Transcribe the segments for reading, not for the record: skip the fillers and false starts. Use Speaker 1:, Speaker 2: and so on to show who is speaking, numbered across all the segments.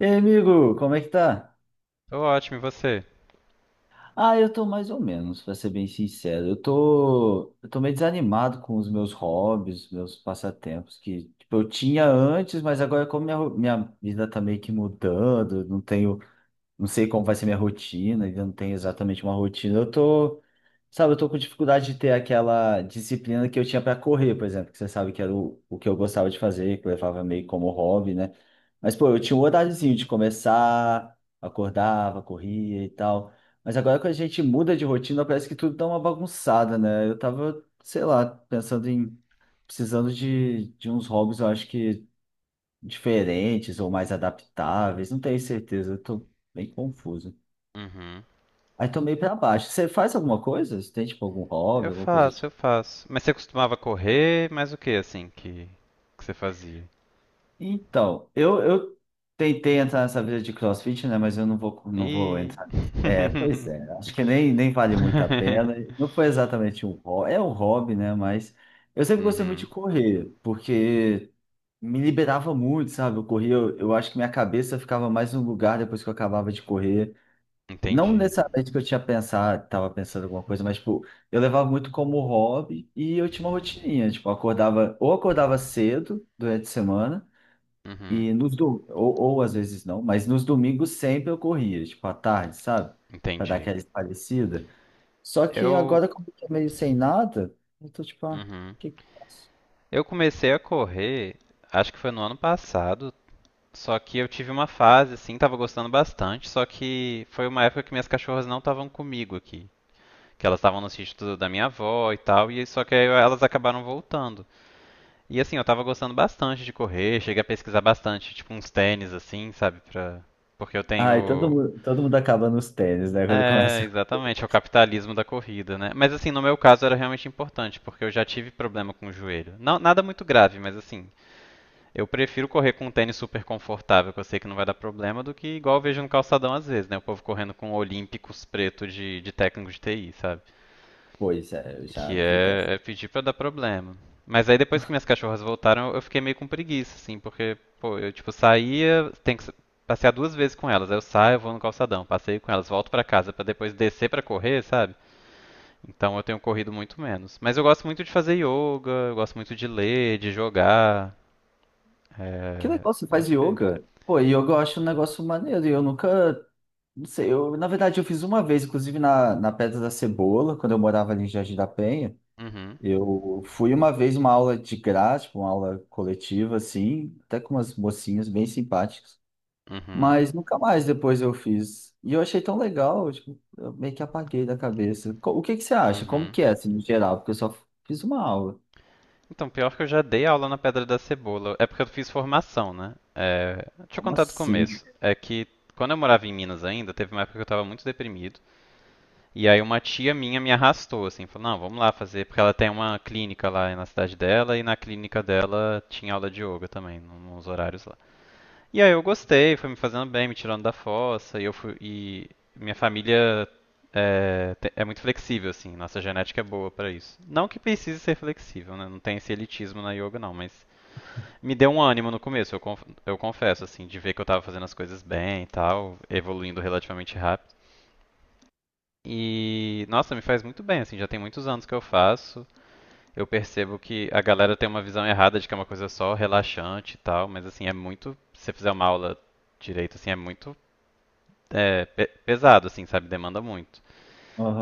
Speaker 1: E aí, amigo, como é que tá?
Speaker 2: Tô ótimo, e você?
Speaker 1: Ah, eu tô mais ou menos, pra ser bem sincero. Eu tô meio desanimado com os meus hobbies, meus passatempos que, tipo, eu tinha antes, mas agora como minha vida tá meio que mudando, eu não tenho, não sei como vai ser minha rotina, ainda não tenho exatamente uma rotina. Eu tô Sabe, eu tô com dificuldade de ter aquela disciplina que eu tinha para correr, por exemplo, que você sabe que era o que eu gostava de fazer, que eu levava meio como hobby, né? Mas, pô, eu tinha um horáriozinho de começar, acordava, corria e tal. Mas agora quando a gente muda de rotina, parece que tudo dá uma bagunçada, né? Eu tava, sei lá, pensando em precisando de uns hobbies, eu acho que diferentes ou mais adaptáveis, não tenho certeza, eu tô bem confuso.
Speaker 2: Uhum.
Speaker 1: Aí tô meio pra baixo. Você faz alguma coisa? Você tem, tipo, algum hobby,
Speaker 2: Eu
Speaker 1: alguma coisa?
Speaker 2: faço, eu faço. Mas você costumava correr, mas o que assim que você fazia?
Speaker 1: Então, eu tentei entrar nessa vida de CrossFit, né? Mas eu não vou
Speaker 2: Ih.
Speaker 1: entrar. É, pois é, acho que nem vale muito a pena. Não foi exatamente um hobby, é um hobby, né? Mas eu sempre gostei muito de
Speaker 2: Uhum.
Speaker 1: correr, porque me liberava muito, sabe? Eu corria, eu acho que minha cabeça ficava mais no lugar depois que eu acabava de correr. Não
Speaker 2: Entendi.
Speaker 1: necessariamente que eu tinha pensado, estava pensando alguma coisa, mas tipo, eu levava muito como hobby e eu tinha uma rotininha, tipo, eu acordava, ou acordava cedo durante a semana.
Speaker 2: Uhum.
Speaker 1: E ou às vezes não, mas nos domingos sempre eu corria, tipo à tarde, sabe? Pra dar
Speaker 2: Entendi.
Speaker 1: aquela espairecida. Só que
Speaker 2: Eu.
Speaker 1: agora, como eu tô meio sem nada, eu tô tipo, ah, o
Speaker 2: Uhum.
Speaker 1: que que eu faço?
Speaker 2: Eu comecei a correr, acho que foi no ano passado, só que eu tive uma fase assim, tava gostando bastante, só que foi uma época que minhas cachorras não estavam comigo aqui, que elas estavam no sítio da minha avó e tal, e só que aí elas acabaram voltando. E assim, eu tava gostando bastante de correr, cheguei a pesquisar bastante, tipo uns tênis assim, sabe, pra... porque eu
Speaker 1: Ai, todo
Speaker 2: tenho
Speaker 1: mundo, todo mundo acaba nos tênis, né? Quando
Speaker 2: é, exatamente, é o capitalismo da corrida, né? Mas assim, no meu caso era realmente importante, porque eu já tive problema com o joelho. Não, nada muito grave, mas assim, eu prefiro correr com um tênis super confortável, que eu sei que não vai dar problema, do que igual eu vejo no calçadão às vezes, né? O povo correndo com olímpicos preto de técnico de TI, sabe?
Speaker 1: Pois é, eu já
Speaker 2: Que
Speaker 1: vi dessa.
Speaker 2: é pedir pra dar problema. Mas aí depois que minhas cachorras voltaram, eu fiquei meio com preguiça, assim, porque, pô, eu tipo saía, tenho que passear duas vezes com elas. Aí eu saio, eu vou no calçadão, passeio com elas, volto pra casa pra depois descer pra correr, sabe? Então eu tenho corrido muito menos. Mas eu gosto muito de fazer yoga, eu gosto muito de ler, de jogar.
Speaker 1: Que
Speaker 2: É...
Speaker 1: legal, você
Speaker 2: Eu
Speaker 1: faz
Speaker 2: acho que é isso.
Speaker 1: yoga? Pô, yoga eu acho um negócio maneiro, e eu nunca. Não sei, eu, na verdade, eu fiz uma vez, inclusive na Pedra da Cebola, quando eu morava ali em Jardim da Penha.
Speaker 2: Uhum,
Speaker 1: Eu fui uma vez uma aula de graça, tipo, uma aula coletiva, assim, até com umas mocinhas bem simpáticas,
Speaker 2: uhum,
Speaker 1: mas nunca mais depois eu fiz. E eu achei tão legal, tipo, eu meio que apaguei da cabeça. O que que você acha? Como
Speaker 2: uhum.
Speaker 1: que é, assim, no geral? Porque eu só fiz uma aula.
Speaker 2: Então, pior que eu já dei aula na Pedra da Cebola. É porque eu fiz formação, né? É, deixa eu
Speaker 1: Como
Speaker 2: contar do
Speaker 1: assim?
Speaker 2: começo. É que quando eu morava em Minas ainda, teve uma época que eu estava muito deprimido. E aí uma tia minha me arrastou, assim, falou, não, vamos lá fazer, porque ela tem uma clínica lá na cidade dela, e na clínica dela tinha aula de yoga também, nos horários lá. E aí eu gostei, foi me fazendo bem, me tirando da fossa, e eu fui, e minha família é muito flexível, assim, nossa genética é boa pra isso. Não que precise ser flexível, né? Não tem esse elitismo na yoga, não, mas me deu um ânimo no começo, eu confesso, assim, de ver que eu tava fazendo as coisas bem e tal, evoluindo relativamente rápido. E, nossa, me faz muito bem, assim, já tem muitos anos que eu faço. Eu percebo que a galera tem uma visão errada de que é uma coisa só relaxante e tal, mas, assim, é muito. Se você fizer uma aula direito, assim, é muito pesado, assim, sabe? Demanda muito.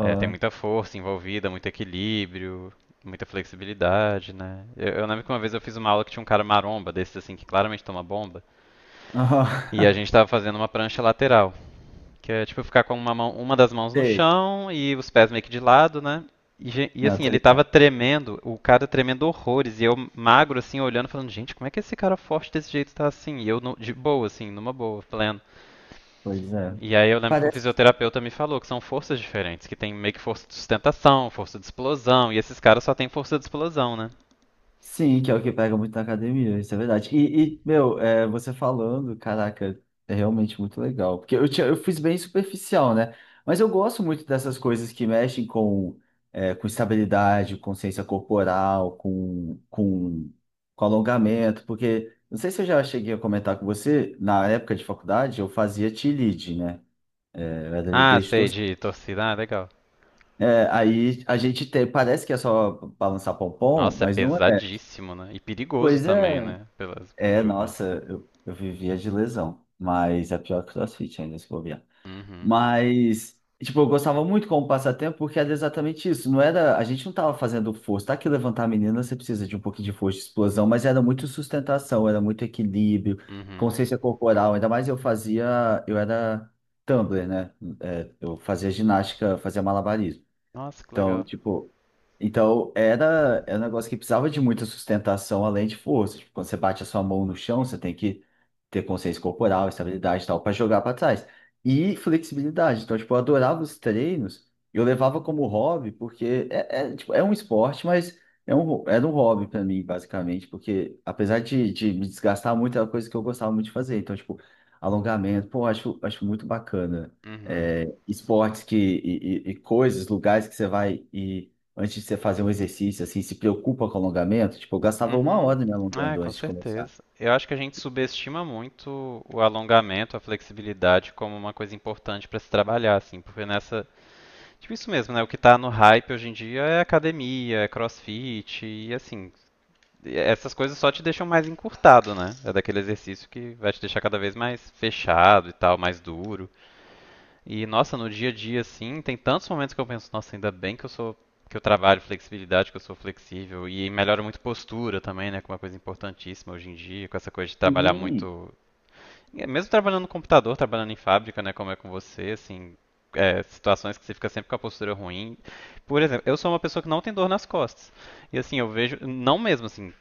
Speaker 2: É, tem muita força envolvida, muito equilíbrio, muita flexibilidade, né? Eu lembro que uma vez eu fiz uma aula que tinha um cara maromba, desses assim, que claramente toma bomba,
Speaker 1: Aham.
Speaker 2: e a gente tava fazendo uma prancha lateral, que é tipo ficar com uma mão, uma das mãos no
Speaker 1: Sei.
Speaker 2: chão e os pés meio que de lado, né? E,
Speaker 1: Não,
Speaker 2: assim,
Speaker 1: tô
Speaker 2: ele tava
Speaker 1: ligado.
Speaker 2: tremendo, o cara tremendo horrores, e eu magro assim, olhando, falando, gente, como é que esse cara forte desse jeito tá assim? E eu de boa, assim, numa boa, plena.
Speaker 1: Pois é.
Speaker 2: E aí eu lembro que um fisioterapeuta me falou que são forças diferentes, que tem meio que força de sustentação, força de explosão, e esses caras só têm força de explosão, né?
Speaker 1: Sim, que é o que pega muito na academia, isso é verdade. Você falando, caraca, é realmente muito legal. Porque eu fiz bem superficial, né? Mas eu gosto muito dessas coisas que mexem com estabilidade, consciência corporal, com alongamento. Porque, não sei se eu já cheguei a comentar com você, na época de faculdade, eu fazia T-lead, né? Eu era
Speaker 2: Ah,
Speaker 1: líder de
Speaker 2: sei,
Speaker 1: torcida.
Speaker 2: de torcida, ah, legal.
Speaker 1: É, aí a gente tem, parece que é só balançar pompom,
Speaker 2: Nossa, é
Speaker 1: mas não é.
Speaker 2: pesadíssimo, né? E perigoso
Speaker 1: Pois
Speaker 2: também,
Speaker 1: é,
Speaker 2: né? Pelo
Speaker 1: é,
Speaker 2: que eu vejo.
Speaker 1: nossa, eu vivia de lesão, mas é pior que o CrossFit ainda, se bobear.
Speaker 2: Uhum,
Speaker 1: Mas, tipo, eu gostava muito como passatempo porque era exatamente isso. Não era, a gente não tava fazendo força, tá? Que levantar a menina você precisa de um pouquinho de força, de explosão, mas era muito sustentação, era muito equilíbrio,
Speaker 2: uhum.
Speaker 1: consciência corporal. Ainda mais eu fazia, eu era tumbler, né? É, eu fazia ginástica, fazia malabarismo.
Speaker 2: Nossa, que
Speaker 1: Então,
Speaker 2: legal.
Speaker 1: tipo, então era um negócio que precisava de muita sustentação além de força. Tipo, quando você bate a sua mão no chão, você tem que ter consciência corporal, estabilidade e tal, para jogar para trás. E flexibilidade. Então, tipo, eu adorava os treinos, eu levava como hobby, porque é um esporte, mas é era um hobby para mim, basicamente, porque apesar de me desgastar muito, era uma coisa que eu gostava muito de fazer. Então, tipo, alongamento, pô, acho muito bacana
Speaker 2: Uhum,
Speaker 1: esportes que e coisas, lugares que você vai e antes de você fazer um exercício, assim, se preocupa com alongamento. Tipo, eu gastava uma
Speaker 2: uhum.
Speaker 1: hora me
Speaker 2: É,
Speaker 1: alongando
Speaker 2: com
Speaker 1: antes de começar.
Speaker 2: certeza. Eu acho que a gente subestima muito o alongamento, a flexibilidade como uma coisa importante para se trabalhar, assim, porque nessa tipo isso mesmo, né? O que tá no hype hoje em dia é academia, é crossfit e assim, essas coisas só te deixam mais encurtado, né? É daquele exercício que vai te deixar cada vez mais fechado e tal, mais duro. E nossa, no dia a dia assim, tem tantos momentos que eu penso, nossa, ainda bem que eu sou que eu trabalho flexibilidade, que eu sou flexível e melhora muito postura também, né, que é uma coisa importantíssima hoje em dia, com essa coisa de trabalhar
Speaker 1: Sim,
Speaker 2: muito mesmo trabalhando no computador, trabalhando em fábrica, né, como é com você, assim, situações que você fica sempre com a postura ruim. Por exemplo, eu sou uma pessoa que não tem dor nas costas. E assim, eu vejo, não mesmo assim,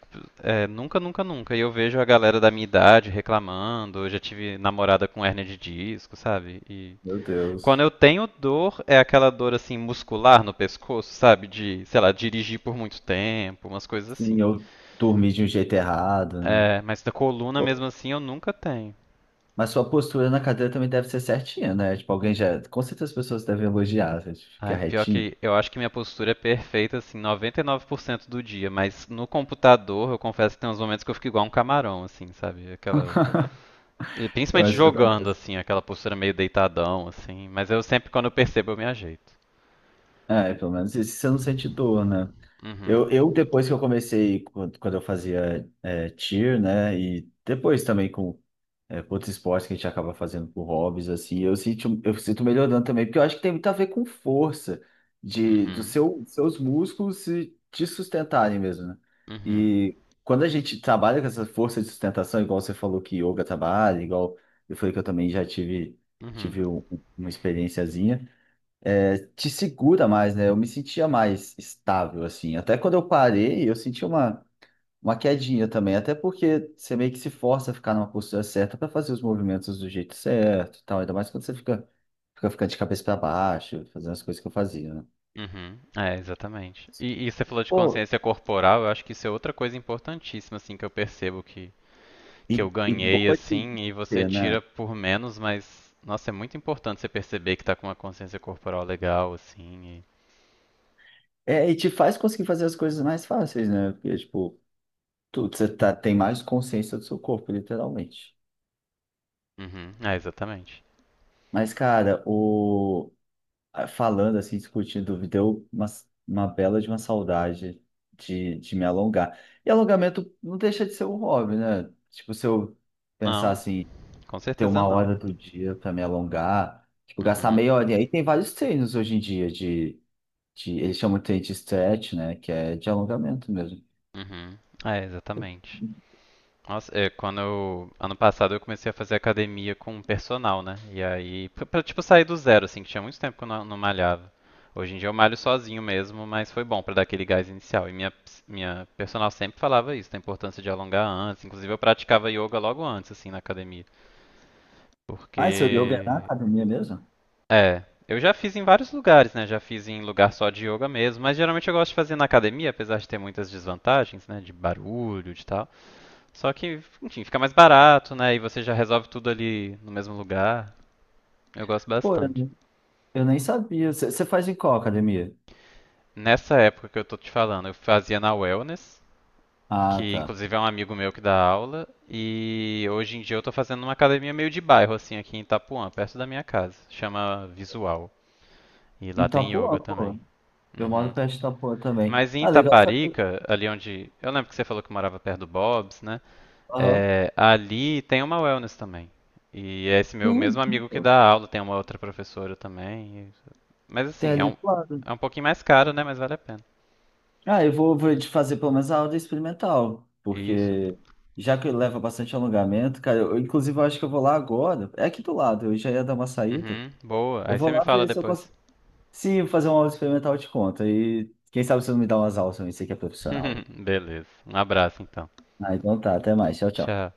Speaker 2: nunca, nunca, nunca. E eu vejo a galera da minha idade reclamando, eu já tive namorada com hérnia de disco, sabe? E
Speaker 1: meu
Speaker 2: quando
Speaker 1: Deus.
Speaker 2: eu tenho dor, é aquela dor assim muscular no pescoço, sabe? De, sei lá, dirigir por muito tempo, umas coisas
Speaker 1: Sim,
Speaker 2: assim.
Speaker 1: eu dormi de um jeito errado, né?
Speaker 2: É, mas da coluna
Speaker 1: Pô,
Speaker 2: mesmo assim eu nunca tenho.
Speaker 1: mas sua postura na cadeira também deve ser certinha, né? Tipo, alguém já. Com certeza as pessoas devem elogiar, você fica
Speaker 2: Ai, pior
Speaker 1: retinho.
Speaker 2: que eu acho que minha postura é perfeita, assim, 99% do dia, mas no computador eu confesso que tem uns momentos que eu fico igual um camarão, assim, sabe? Aquela.
Speaker 1: Eu
Speaker 2: Principalmente
Speaker 1: acho que eu também.
Speaker 2: jogando, assim, aquela postura meio deitadão, assim, mas eu sempre, quando eu percebo, eu me ajeito.
Speaker 1: É, pelo menos isso você não sente dor, né?
Speaker 2: Uhum,
Speaker 1: Eu depois que eu comecei, quando eu fazia é, cheer, né? E depois também com é, com outros esportes que a gente acaba fazendo por hobbies, assim, eu sinto melhorando também, porque eu acho que tem muito a ver com força de
Speaker 2: uhum,
Speaker 1: seus músculos se te sustentarem mesmo, né?
Speaker 2: uhum,
Speaker 1: E quando a gente trabalha com essa força de sustentação, igual você falou que yoga trabalha, igual eu falei que eu também já tive,
Speaker 2: uhum,
Speaker 1: tive uma experiênciazinha, é, te segura mais, né? Eu me sentia mais estável, assim. Até quando eu parei, eu senti uma quedinha também, até porque você meio que se força a ficar numa postura certa para fazer os movimentos do jeito certo, e tal, ainda mais quando você fica ficando de cabeça para baixo, fazendo as coisas que eu fazia, né?
Speaker 2: uhum. É, exatamente. E, você falou de
Speaker 1: Pô,
Speaker 2: consciência corporal, eu acho que isso é outra coisa importantíssima, assim, que eu percebo que eu
Speaker 1: e
Speaker 2: ganhei,
Speaker 1: boa de
Speaker 2: assim, e você
Speaker 1: ver, né?
Speaker 2: tira por menos, mas, nossa, é muito importante você perceber que tá com uma consciência corporal legal, assim,
Speaker 1: É, e te faz conseguir fazer as coisas mais fáceis, né? Porque, tipo, você tá, tem mais consciência do seu corpo, literalmente.
Speaker 2: uhum, é, exatamente.
Speaker 1: Mas, cara, falando assim, discutindo, me deu uma bela de uma saudade de me alongar. E alongamento não deixa de ser um hobby, né? Tipo, se eu pensar
Speaker 2: Não,
Speaker 1: assim,
Speaker 2: com
Speaker 1: ter
Speaker 2: certeza
Speaker 1: uma
Speaker 2: não.
Speaker 1: hora do dia para me alongar, tipo, gastar
Speaker 2: Uhum,
Speaker 1: meia hora. E aí tem vários treinos hoje em dia de eles chamam de treino de stretch, né? Que é de alongamento mesmo.
Speaker 2: uhum, é, exatamente. Nossa, ano passado eu comecei a fazer academia com personal, né? E aí, pra, tipo sair do zero, assim, que tinha muito tempo que eu não malhava. Hoje em dia eu malho sozinho mesmo, mas foi bom pra dar aquele gás inicial. E minha personal sempre falava isso, da importância de alongar antes. Inclusive eu praticava yoga logo antes, assim, na academia.
Speaker 1: Ah, e seu yoga é na
Speaker 2: Porque,
Speaker 1: academia mesmo?
Speaker 2: eu já fiz em vários lugares, né? Já fiz em lugar só de yoga mesmo, mas geralmente eu gosto de fazer na academia, apesar de ter muitas desvantagens, né? De barulho, de tal. Só que, enfim, fica mais barato, né? E você já resolve tudo ali no mesmo lugar. Eu gosto
Speaker 1: Pô,
Speaker 2: bastante.
Speaker 1: eu nem sabia. Você faz em qual academia?
Speaker 2: Nessa época que eu tô te falando, eu fazia na Wellness,
Speaker 1: Ah,
Speaker 2: que
Speaker 1: tá.
Speaker 2: inclusive é um amigo meu que dá aula, e hoje em dia eu tô fazendo numa academia meio de bairro, assim, aqui em Itapuã, perto da minha casa. Chama Visual. E
Speaker 1: Em
Speaker 2: lá tem
Speaker 1: Itapuã,
Speaker 2: yoga
Speaker 1: pô.
Speaker 2: também.
Speaker 1: Eu moro
Speaker 2: Uhum.
Speaker 1: perto de Itapuã também.
Speaker 2: Mas em
Speaker 1: Ah, legal saber.
Speaker 2: Itaparica, ali onde. Eu lembro que você falou que morava perto do Bob's, né?
Speaker 1: Aham.
Speaker 2: É, ali tem uma wellness também. E é esse meu
Speaker 1: Sim,
Speaker 2: mesmo
Speaker 1: sim,
Speaker 2: amigo que
Speaker 1: pô.
Speaker 2: dá aula tem uma outra professora também. Mas
Speaker 1: Tem
Speaker 2: assim, é
Speaker 1: ali
Speaker 2: um,
Speaker 1: do lado.
Speaker 2: é um pouquinho mais caro, né? Mas vale a pena.
Speaker 1: Ah, eu vou de fazer pelo menos a aula experimental,
Speaker 2: Isso.
Speaker 1: porque já que leva bastante alongamento, cara, eu, inclusive eu acho que eu vou lá agora. É aqui do lado, eu já ia dar uma saída.
Speaker 2: Uhum, boa.
Speaker 1: Eu
Speaker 2: Aí você
Speaker 1: vou
Speaker 2: me
Speaker 1: lá
Speaker 2: fala
Speaker 1: ver se eu
Speaker 2: depois.
Speaker 1: consigo. Se eu fazer uma aula experimental, eu te conto. E quem sabe você não me dá umas aulas também, você que é profissional.
Speaker 2: Beleza. Um abraço então.
Speaker 1: Ah, então tá, até mais. Tchau, tchau.
Speaker 2: Tchau.